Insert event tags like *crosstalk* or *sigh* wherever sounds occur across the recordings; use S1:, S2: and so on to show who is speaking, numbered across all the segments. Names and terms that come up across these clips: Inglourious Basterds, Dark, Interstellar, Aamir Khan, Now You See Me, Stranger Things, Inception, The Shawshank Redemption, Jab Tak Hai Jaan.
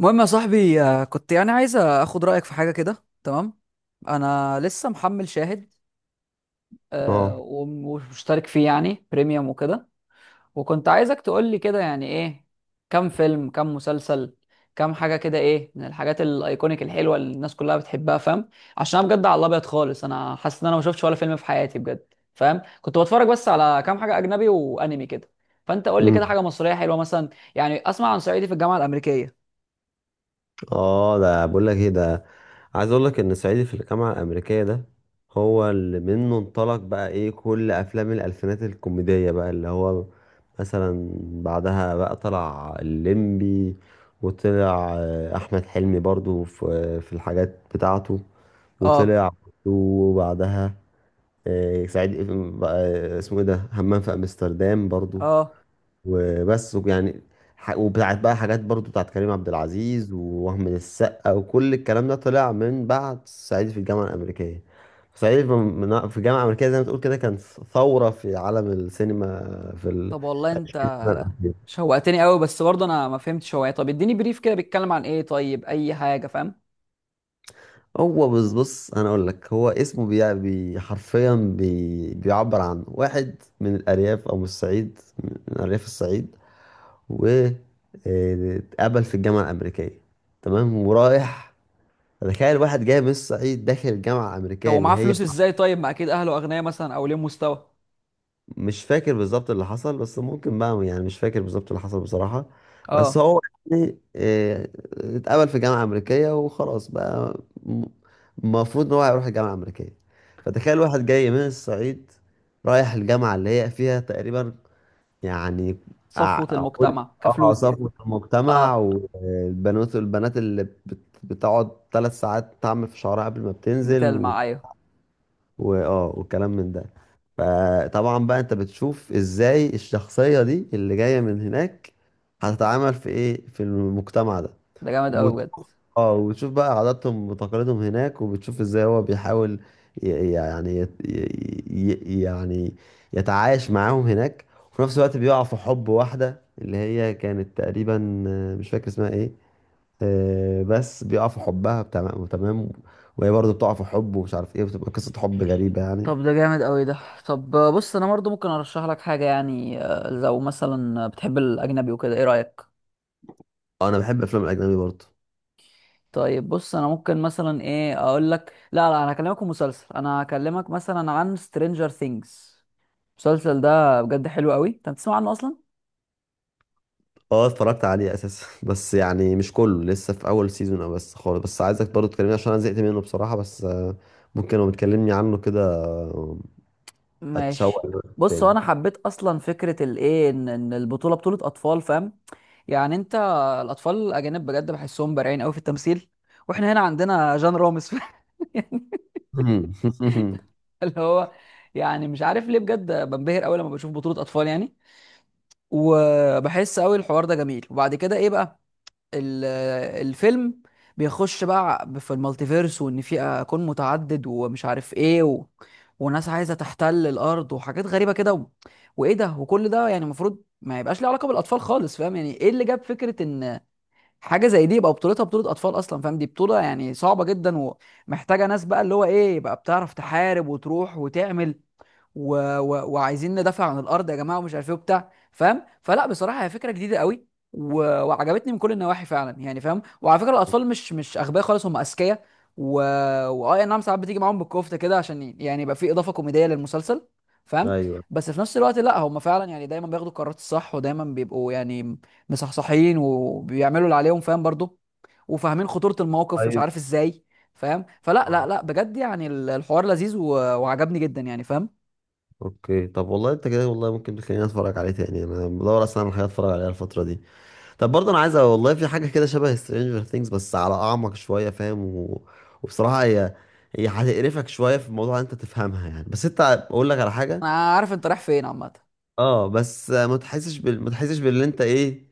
S1: المهم يا صاحبي، كنت يعني عايز اخد رايك في حاجه كده. تمام. انا لسه محمل شاهد.
S2: اه.
S1: ومشترك فيه يعني بريميوم وكده. وكنت عايزك تقول لي كده يعني ايه، كم فيلم، كم مسلسل، كم حاجه كده. ايه من الحاجات الايكونيك الحلوه اللي الناس كلها بتحبها؟ فاهم؟ عشان انا بجد على الابيض خالص، انا حاسس ان انا ما شفتش ولا فيلم في حياتي بجد. فاهم؟ كنت بتفرج بس على كام حاجه اجنبي وانمي كده. فانت قول لي
S2: مم.
S1: كده حاجه مصريه حلوه مثلا. يعني اسمع عن صعيدي في الجامعه الامريكيه.
S2: اه، ده بقول لك ايه ده. عايز اقول لك ان صعيدي في الجامعه الامريكيه ده هو اللي منه انطلق بقى ايه كل افلام الالفينات الكوميديه، بقى اللي هو مثلا بعدها بقى طلع الليمبي، وطلع احمد حلمي برضو في الحاجات بتاعته.
S1: اه.
S2: وطلع وبعدها صعيدي، اسمه ايه ده، همام في امستردام برضو.
S1: اه.
S2: وبس يعني وبتاعت بقى حاجات برضو بتاعت كريم عبد العزيز ووهم السقا، وكل الكلام ده طلع من بعد صعيدي في الجامعة الأمريكية. صعيدي في في الجامعة الأمريكية، زي ما تقول كده، كان ثورة في عالم السينما في
S1: طب والله انت
S2: السنة الأخيرة.
S1: شوقتني قوي، بس برضه انا ما فهمتش هو ايه. طب اديني بريف كده، بيتكلم عن ايه؟ طيب اي حاجه، فاهم.
S2: هو بص بص، أنا أقول لك، هو اسمه بي حرفيا، بي بيعبر عن واحد من الأرياف أو من الصعيد، من أرياف الصعيد، و اتقبل في الجامعة الأمريكية. تمام، ورايح. تخيل واحد جاي من الصعيد داخل جامعة
S1: طب
S2: أمريكية اللي
S1: ومعاه
S2: هي،
S1: فلوس ازاي؟ طيب ما اكيد اهله اغنياء مثلا، او ليه مستوى.
S2: مش فاكر بالظبط اللي حصل، بس ممكن بقى يعني مش فاكر بالظبط اللي حصل بصراحة. بس
S1: اه،
S2: هو يعني اتقبل في جامعة أمريكية وخلاص بقى. م- المفروض إن هو هيروح الجامعة الأمريكية، فتخيل واحد جاي من الصعيد رايح الجامعة اللي هي فيها تقريبا، يعني، أع-
S1: صفوه
S2: أقول
S1: المجتمع
S2: اه
S1: كفلوس يعني.
S2: صفوة المجتمع،
S1: اه،
S2: والبنات البنات اللي بتقعد 3 ساعات تعمل في شعرها قبل ما بتنزل،
S1: بتلمع، ايوه.
S2: واه والكلام من ده. فطبعا بقى انت بتشوف ازاي الشخصية دي اللي جاية من هناك هتتعامل في ايه في المجتمع ده.
S1: ده جامد قوي
S2: وبت...
S1: بجد.
S2: اه وبتشوف بقى عاداتهم وتقاليدهم هناك، وبتشوف ازاي هو بيحاول ي... يعني يت... ي... ي- يعني يتعايش معاهم هناك. وفي نفس الوقت بيقع في حب واحدة، اللي هي كانت تقريبا مش فاكر اسمها ايه، بس بيقع في حبها تمام تمام، وهي برضه بتقع في حب ومش عارف ايه، بتبقى قصة حب غريبة يعني.
S1: طب، ده جامد قوي ده. طب، بص انا برضه ممكن ارشح لك حاجه. يعني لو مثلا بتحب الاجنبي وكده، ايه رايك؟
S2: انا بحب افلام الاجنبي برضه.
S1: طيب بص، انا ممكن مثلا ايه اقول لك. لا لا، انا هكلمك في مسلسل، انا هكلمك مثلا عن سترينجر ثينجز. المسلسل ده بجد حلو قوي، انت بتسمع عنه اصلا؟
S2: اه، اتفرجت عليه اساسا *laughs* بس يعني مش كله، لسه في اول سيزون او بس خالص، بس عايزك برضه تكلمني عشان انا زهقت منه بصراحه، بس ممكن لو بتكلمني عنه كده آه، اتشوق
S1: ماشي.
S2: له
S1: بص، هو
S2: تاني.
S1: انا حبيت اصلا فكره الايه، ان البطوله بطوله اطفال، فاهم. يعني انت، الاطفال الاجانب بجد بحسهم بارعين قوي في التمثيل، واحنا هنا عندنا جان رامز *laughs* يعني،
S2: *laughs*
S1: اللي هو، يعني مش عارف ليه بجد بنبهر قوي لما بشوف بطوله اطفال يعني. وبحس قوي الحوار ده جميل. وبعد كده ايه بقى، ال- الفيلم بيخش بقى في المالتيفيرس، وان في اكون متعدد ومش عارف ايه، و... وناس عايزه تحتل الارض وحاجات غريبه كده، و... وايه ده. وكل ده يعني المفروض ما يبقاش ليه علاقه بالاطفال خالص، فاهم؟ يعني ايه اللي جاب فكره ان حاجه زي دي يبقى بطولتها بطوله اطفال اصلا؟ فاهم، دي بطوله يعني صعبه جدا، ومحتاجه ناس بقى اللي هو ايه، يبقى بتعرف تحارب وتروح وتعمل، و... و... وعايزين ندافع عن الارض يا جماعه ومش عارف ايه وبتاع، فاهم. فلا بصراحه، هي فكره جديده قوي و... وعجبتني من كل النواحي فعلا يعني، فاهم. وعلى فكره الاطفال مش اغبياء خالص، هم اذكياء. و واه، نعم، ساعات بتيجي معاهم بالكفته كده عشان يعني يبقى في اضافه كوميديه للمسلسل، فاهم.
S2: ايوه.
S1: بس في نفس الوقت، لا، هم فعلا يعني دايما بياخدوا القرارات الصح، ودايما بيبقوا يعني مصحصحين وبيعملوا اللي عليهم، فاهم برضو. وفاهمين خطورة الموقف، مش
S2: طيب.
S1: عارف ازاي. فاهم، فلا لا لا بجد، يعني الحوار لذيذ و- وعجبني جدا، يعني فاهم.
S2: اوكي. طب والله انت كده والله ممكن تخليني اتفرج عليه تاني، انا بدور اصلا على حاجه اتفرج عليها الفتره دي. طب برضه انا عايز والله في حاجه كده شبه سترينجر ثينجز بس على اعمق شويه، فاهم، وبصراحه، هي هتقرفك شويه في الموضوع، انت تفهمها يعني، بس انت اقول لك على حاجه.
S1: انا عارف انت رايح فين عامه.
S2: اه، بس ما تحسش باللي انت ايه،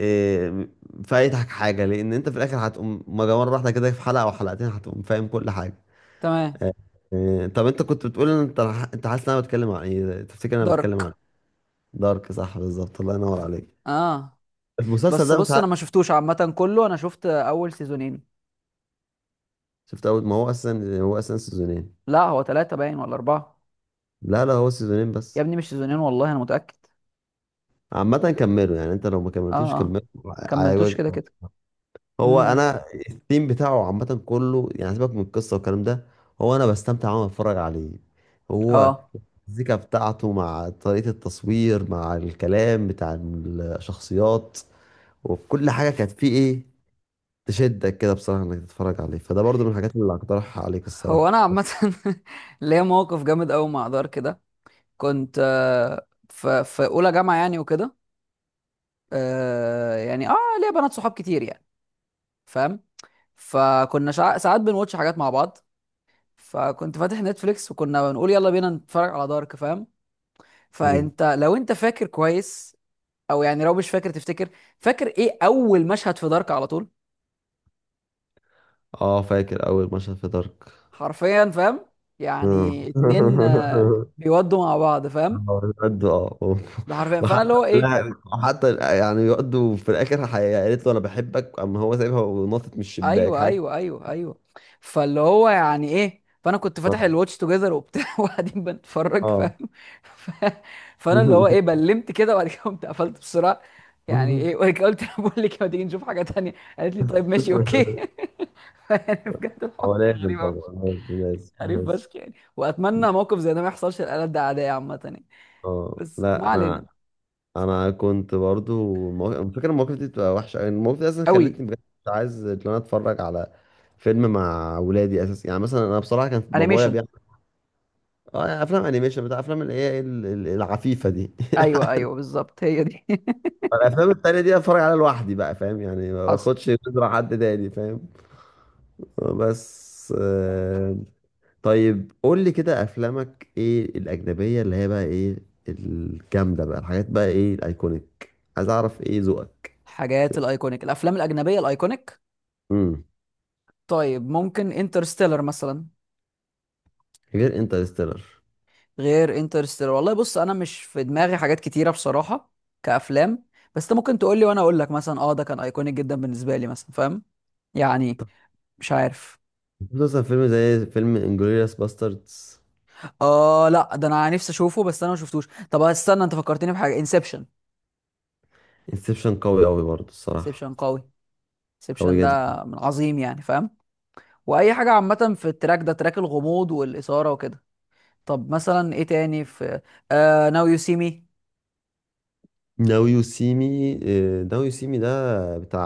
S2: إيه... فايتك حاجه، لان انت في الاخر هتقوم مره واحده كده في حلقه او حلقتين هتقوم فاهم كل حاجه.
S1: تمام.
S2: طب انت كنت بتقول ان انت حاسس ان انا بتكلم عن ايه؟ تفتكر انا بتكلم
S1: دارك.
S2: عن؟ دارك، صح، بالظبط، الله ينور عليك.
S1: اه،
S2: المسلسل
S1: بس
S2: ده مش
S1: بص انا ما
S2: عارف.
S1: شفتوش عامه كله، انا شفت اول سيزونين.
S2: شفت اول، ما هو اساسا سيزونين.
S1: لا، هو ثلاثه باين ولا اربعه.
S2: لا لا، هو سيزونين
S1: يا
S2: بس.
S1: ابني مش سيزونين، والله انا متاكد.
S2: عامة كملوا يعني، انت لو ما
S1: اه.
S2: كملتوش
S1: اه.
S2: كملوا.
S1: كملتوش
S2: عايزك
S1: كده كده.
S2: هو
S1: امم.
S2: انا الثيم بتاعه عامة كله يعني، سيبك من القصة والكلام ده، هو انا بستمتع وانا بتفرج عليه. هو
S1: اه.
S2: الزيكا بتاعته مع طريقة التصوير مع الكلام بتاع الشخصيات وكل حاجة كانت فيه ايه، تشدك كده بصراحة انك تتفرج عليه، فده برضو من الحاجات اللي هقترحها عليك
S1: هو انا
S2: الصراحة.
S1: عامه *laughs* ليا موقف جامد قوي مع دارك ده. كنت في اولى جامعه يعني وكده. يعني، اه، ليا بنات صحاب كتير يعني، فاهم. فكنا ساعات بنواتش حاجات مع بعض. فكنت فاتح نتفليكس، وكنا بنقول يلا بينا نتفرج على دارك، فاهم.
S2: مم.
S1: فانت لو انت فاكر كويس، او يعني لو مش فاكر تفتكر، فاكر ايه اول مشهد في دارك على طول؟
S2: اه، فاكر اول مشهد في دارك.
S1: حرفيا، فاهم.
S2: آه.
S1: يعني اتنين
S2: *laughs*
S1: بيودوا مع بعض، فاهم.
S2: اه، يقعدوا،
S1: ده حرفيا.
S2: *laughs*
S1: فانا
S2: وحتى،
S1: اللي هو ايه.
S2: لا وحتى يعني يقعدوا في الاخر قالت له انا بحبك، اما هو سايبها ونطت من الشباك
S1: ايوه،
S2: حاجه.
S1: ايوه، ايوه، ايوه. فاللي هو يعني ايه، فانا كنت فاتح
S2: اه.
S1: الواتش توجذر وبتاع *laughs* وقاعدين بنتفرج،
S2: اه.
S1: فاهم. ف... فانا اللي هو ايه،
S2: *laughs*
S1: بلمت كده، وبعد كده قمت قفلت بسرعه. يعني ايه، وقلت لها بقول لك ما تيجي نشوف حاجه تانية. قالت لي طيب، ماشي، اوكي. *laughs* يعني بجد الحوار
S2: هو
S1: كان
S2: لازم
S1: غريب قوي،
S2: طبعا لازم لازم
S1: غريب
S2: لازم.
S1: فشخ يعني. واتمنى موقف زي ده ما يحصلش لآلات ده، عاديه عامه يعني.
S2: اه،
S1: بس
S2: لا.
S1: ما علينا.
S2: انا كنت برضو أنا فاكر المواقف دي بتبقى وحشه يعني، المواقف دي اصلا
S1: قوي.
S2: خلتني بجد مش عايز ان انا اتفرج على فيلم مع ولادي اساسا يعني، مثلا انا بصراحه كان بابايا
S1: انيميشن.
S2: بيعمل اه افلام انيميشن بتاع افلام اللي هي العفيفه دي. *laughs*
S1: ايوه ايوه، بالظبط، هي دي *laughs*
S2: الافلام التانية دي اتفرج عليها لوحدي بقى، فاهم يعني، ما
S1: حصل.
S2: باخدش نظرة حد تاني فاهم. بس طيب قول لي كده افلامك ايه الاجنبية، اللي هي بقى ايه الجامدة بقى، الحاجات بقى ايه الايكونيك، عايز اعرف ايه ذوقك.
S1: حاجات الايكونيك، الافلام الاجنبيه الايكونيك.
S2: امم
S1: طيب، ممكن انترستيلر مثلا.
S2: غير انترستيلر
S1: غير انترستيلر. والله بص، انا مش في دماغي حاجات كتيره بصراحه كافلام. بس انت ممكن تقول لي وانا اقول لك مثلا، اه ده كان ايكونيك جدا بالنسبه لي مثلا، فاهم. يعني، مش عارف.
S2: مثلا، فيلم زي فيلم انجلوريوس باستردز.
S1: اه لا، ده انا نفسي اشوفه، بس انا ما شفتوش. طب استنى، انت فكرتني بحاجه، انسبشن.
S2: انسبشن قوي قوي برضه الصراحة،
S1: انسبشن قوي. انسبشن
S2: قوي
S1: ده
S2: جدا.
S1: من عظيم يعني، فاهم. واي حاجه عامه في التراك ده، تراك الغموض والاثاره وكده. طب مثلا ايه تاني في، ناو يو سي مي،
S2: ناو يو سي مي. ناو يو سي مي ده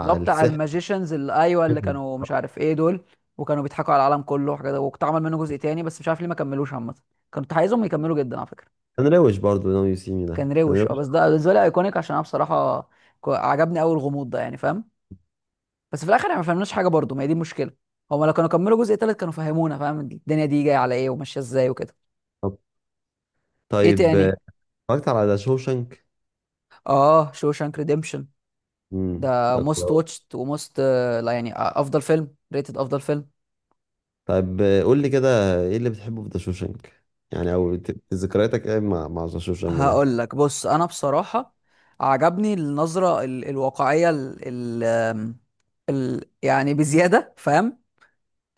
S1: اللي هو بتاع
S2: السحر.
S1: الماجيشنز اللي، ايوه، اللي كانوا مش عارف ايه دول، وكانوا بيضحكوا على العالم كله وحاجات. واتعمل منه جزء تاني، بس مش عارف ليه ما كملوش عامه، كنت عايزهم يكملوا جدا على فكره.
S2: كان روش برضه ناو يو سي مي ده،
S1: كان
S2: كان
S1: روش. اه،
S2: روش.
S1: بس ده بالنسبه لي ايكونيك، عشان انا بصراحه عجبني قوي الغموض ده يعني، فاهم. بس في الاخر احنا ما فهمناش حاجه برضه، ما هي دي المشكله. هما لو كانوا كملوا جزء تالت كانوا فهمونا، فاهم، الدنيا دي جايه على ايه وماشيه ازاي وكده. ايه
S2: طيب
S1: تاني.
S2: اتفرجت على ذا شوشنك.
S1: اه، شوشانك ريديمشن. ده
S2: ده جامد
S1: موست
S2: أوي.
S1: واتشت وموست لا يعني افضل فيلم ريتد، افضل فيلم.
S2: طيب قول لي كده ايه اللي بتحبه في ذا شوشنك يعني، او ذكرياتك ايه مع ذا شوشنك ده.
S1: هقول لك، بص انا بصراحه عجبني النظره الواقعيه، ال ال آم، ال يعني بزياده، فاهم.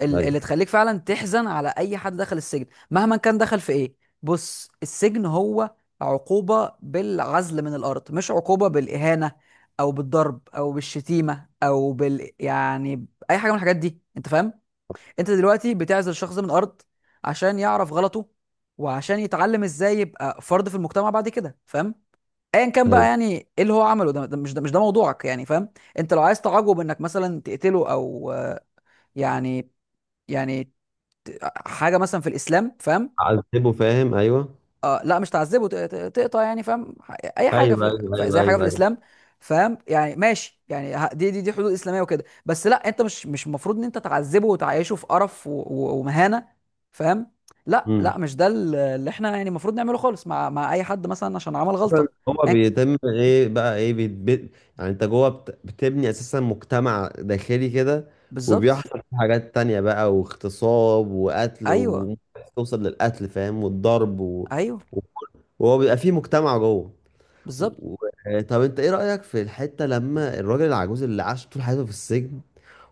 S2: ايوه،
S1: اللي تخليك فعلا تحزن على اي حد دخل السجن مهما كان دخل في ايه. بص، السجن هو عقوبه بالعزل من الارض، مش عقوبه بالاهانه، او بالضرب، او بالشتيمه، او يعني اي حاجه من الحاجات دي، انت فاهم. انت دلوقتي بتعزل شخص من الارض عشان يعرف غلطه، وعشان يتعلم ازاي يبقى فرد في المجتمع بعد كده، فاهم. ايا كان بقى
S2: ايوه،
S1: يعني ايه اللي هو عمله ده، ده مش موضوعك يعني، فاهم. انت لو عايز تعجب انك مثلا تقتله او آه، يعني، يعني حاجه مثلا في الاسلام، فاهم.
S2: عذبه فاهم، ايوه
S1: آه لا، مش تعذبه، تقطع يعني، فاهم، اي حاجه
S2: ايوه
S1: في
S2: ايوه ايوه
S1: زي حاجه في
S2: ايوه ايوه.
S1: الاسلام. فاهم يعني، ماشي يعني، دي حدود اسلاميه وكده. بس لا، انت مش المفروض ان انت تعذبه وتعيشه في قرف و- و- ومهانه، فاهم. لا
S2: امم
S1: لا، مش ده اللي احنا يعني المفروض نعمله خالص مع اي حد مثلا عشان عمل غلطه.
S2: هو
S1: أياً
S2: بيتم ايه بقى ايه بيتبت. يعني انت جوه بتبني اساسا مجتمع داخلي كده،
S1: بالظبط.
S2: وبيحصل فيه حاجات تانية بقى، واغتصاب وقتل
S1: ايوه
S2: وممكن توصل للقتل فاهم والضرب
S1: ايوه،
S2: و... وهو بيبقى فيه مجتمع جوه.
S1: بالظبط.
S2: و... طب انت ايه رأيك في الحتة لما الراجل العجوز اللي عاش طول حياته في السجن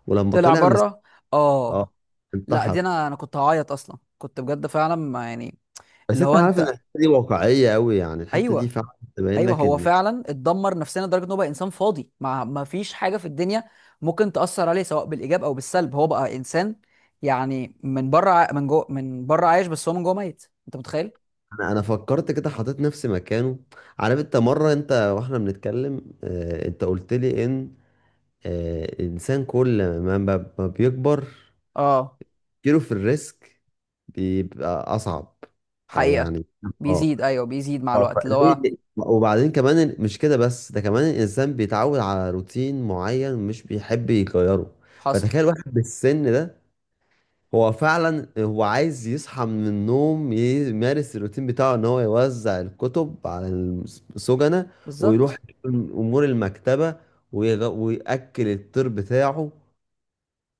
S2: ولما
S1: طلع
S2: طلع
S1: بره.
S2: اه
S1: اه لا، دي
S2: انتحر.
S1: انا كنت هعيط اصلا، كنت بجد فعلا ما يعني.
S2: بس
S1: اللي
S2: انت
S1: هو
S2: عارف ان
S1: انت.
S2: الحتة دي واقعية قوي يعني، الحتة دي
S1: ايوه.
S2: فعلا تبين
S1: ايوه،
S2: لك
S1: هو
S2: ان
S1: فعلا اتدمر نفسيا لدرجه ان هو بقى انسان فاضي، ما فيش حاجه في الدنيا ممكن تاثر عليه سواء بالايجاب او بالسلب. هو بقى انسان يعني من بره، من جوه، من بره عايش بس هو من جوه ميت، انت متخيل.
S2: انا فكرت كده، حطيت نفسي مكانه. عارف انت مرة انت واحنا بنتكلم اه انت قلت لي ان اه الانسان كل ما بيكبر
S1: اه.
S2: كيلو في الريسك، بيبقى اصعب، او
S1: حقيقه.
S2: يعني. اه
S1: بيزيد، ايوه بيزيد مع
S2: اه
S1: الوقت اللي هو.
S2: فليه، وبعدين كمان مش كده بس، ده كمان الانسان بيتعود على روتين معين مش بيحب يغيره.
S1: حصل.
S2: فتخيل واحد بالسن ده، هو فعلا هو عايز يصحى من النوم يمارس الروتين بتاعه ان هو يوزع الكتب على السجنة، ويروح
S1: بالظبط.
S2: امور المكتبة، ويأكل الطير بتاعه.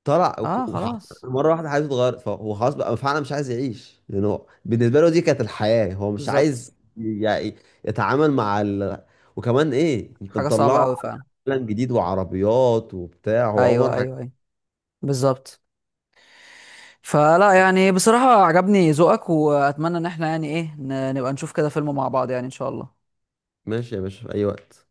S2: طلع
S1: اه خلاص،
S2: مره واحده حياته اتغيرت فهو خلاص بقى فعلا مش عايز يعيش يعني، هو بالنسبه له دي كانت الحياه، هو مش
S1: بالظبط.
S2: عايز يعني يتعامل مع وكمان ايه انت
S1: حاجه صعبه
S2: مطلعه
S1: قوي
S2: على
S1: فعلا.
S2: عالم جديد وعربيات وبتاع، هو عمر
S1: ايوه
S2: حاجة.
S1: ايوه ايوه، بالظبط. فلا يعني بصراحة، عجبني ذوقك، وأتمنى إن احنا يعني إيه نبقى نشوف كده فيلم مع بعض، يعني إن شاء الله.
S2: ماشي يا باشا في اي وقت.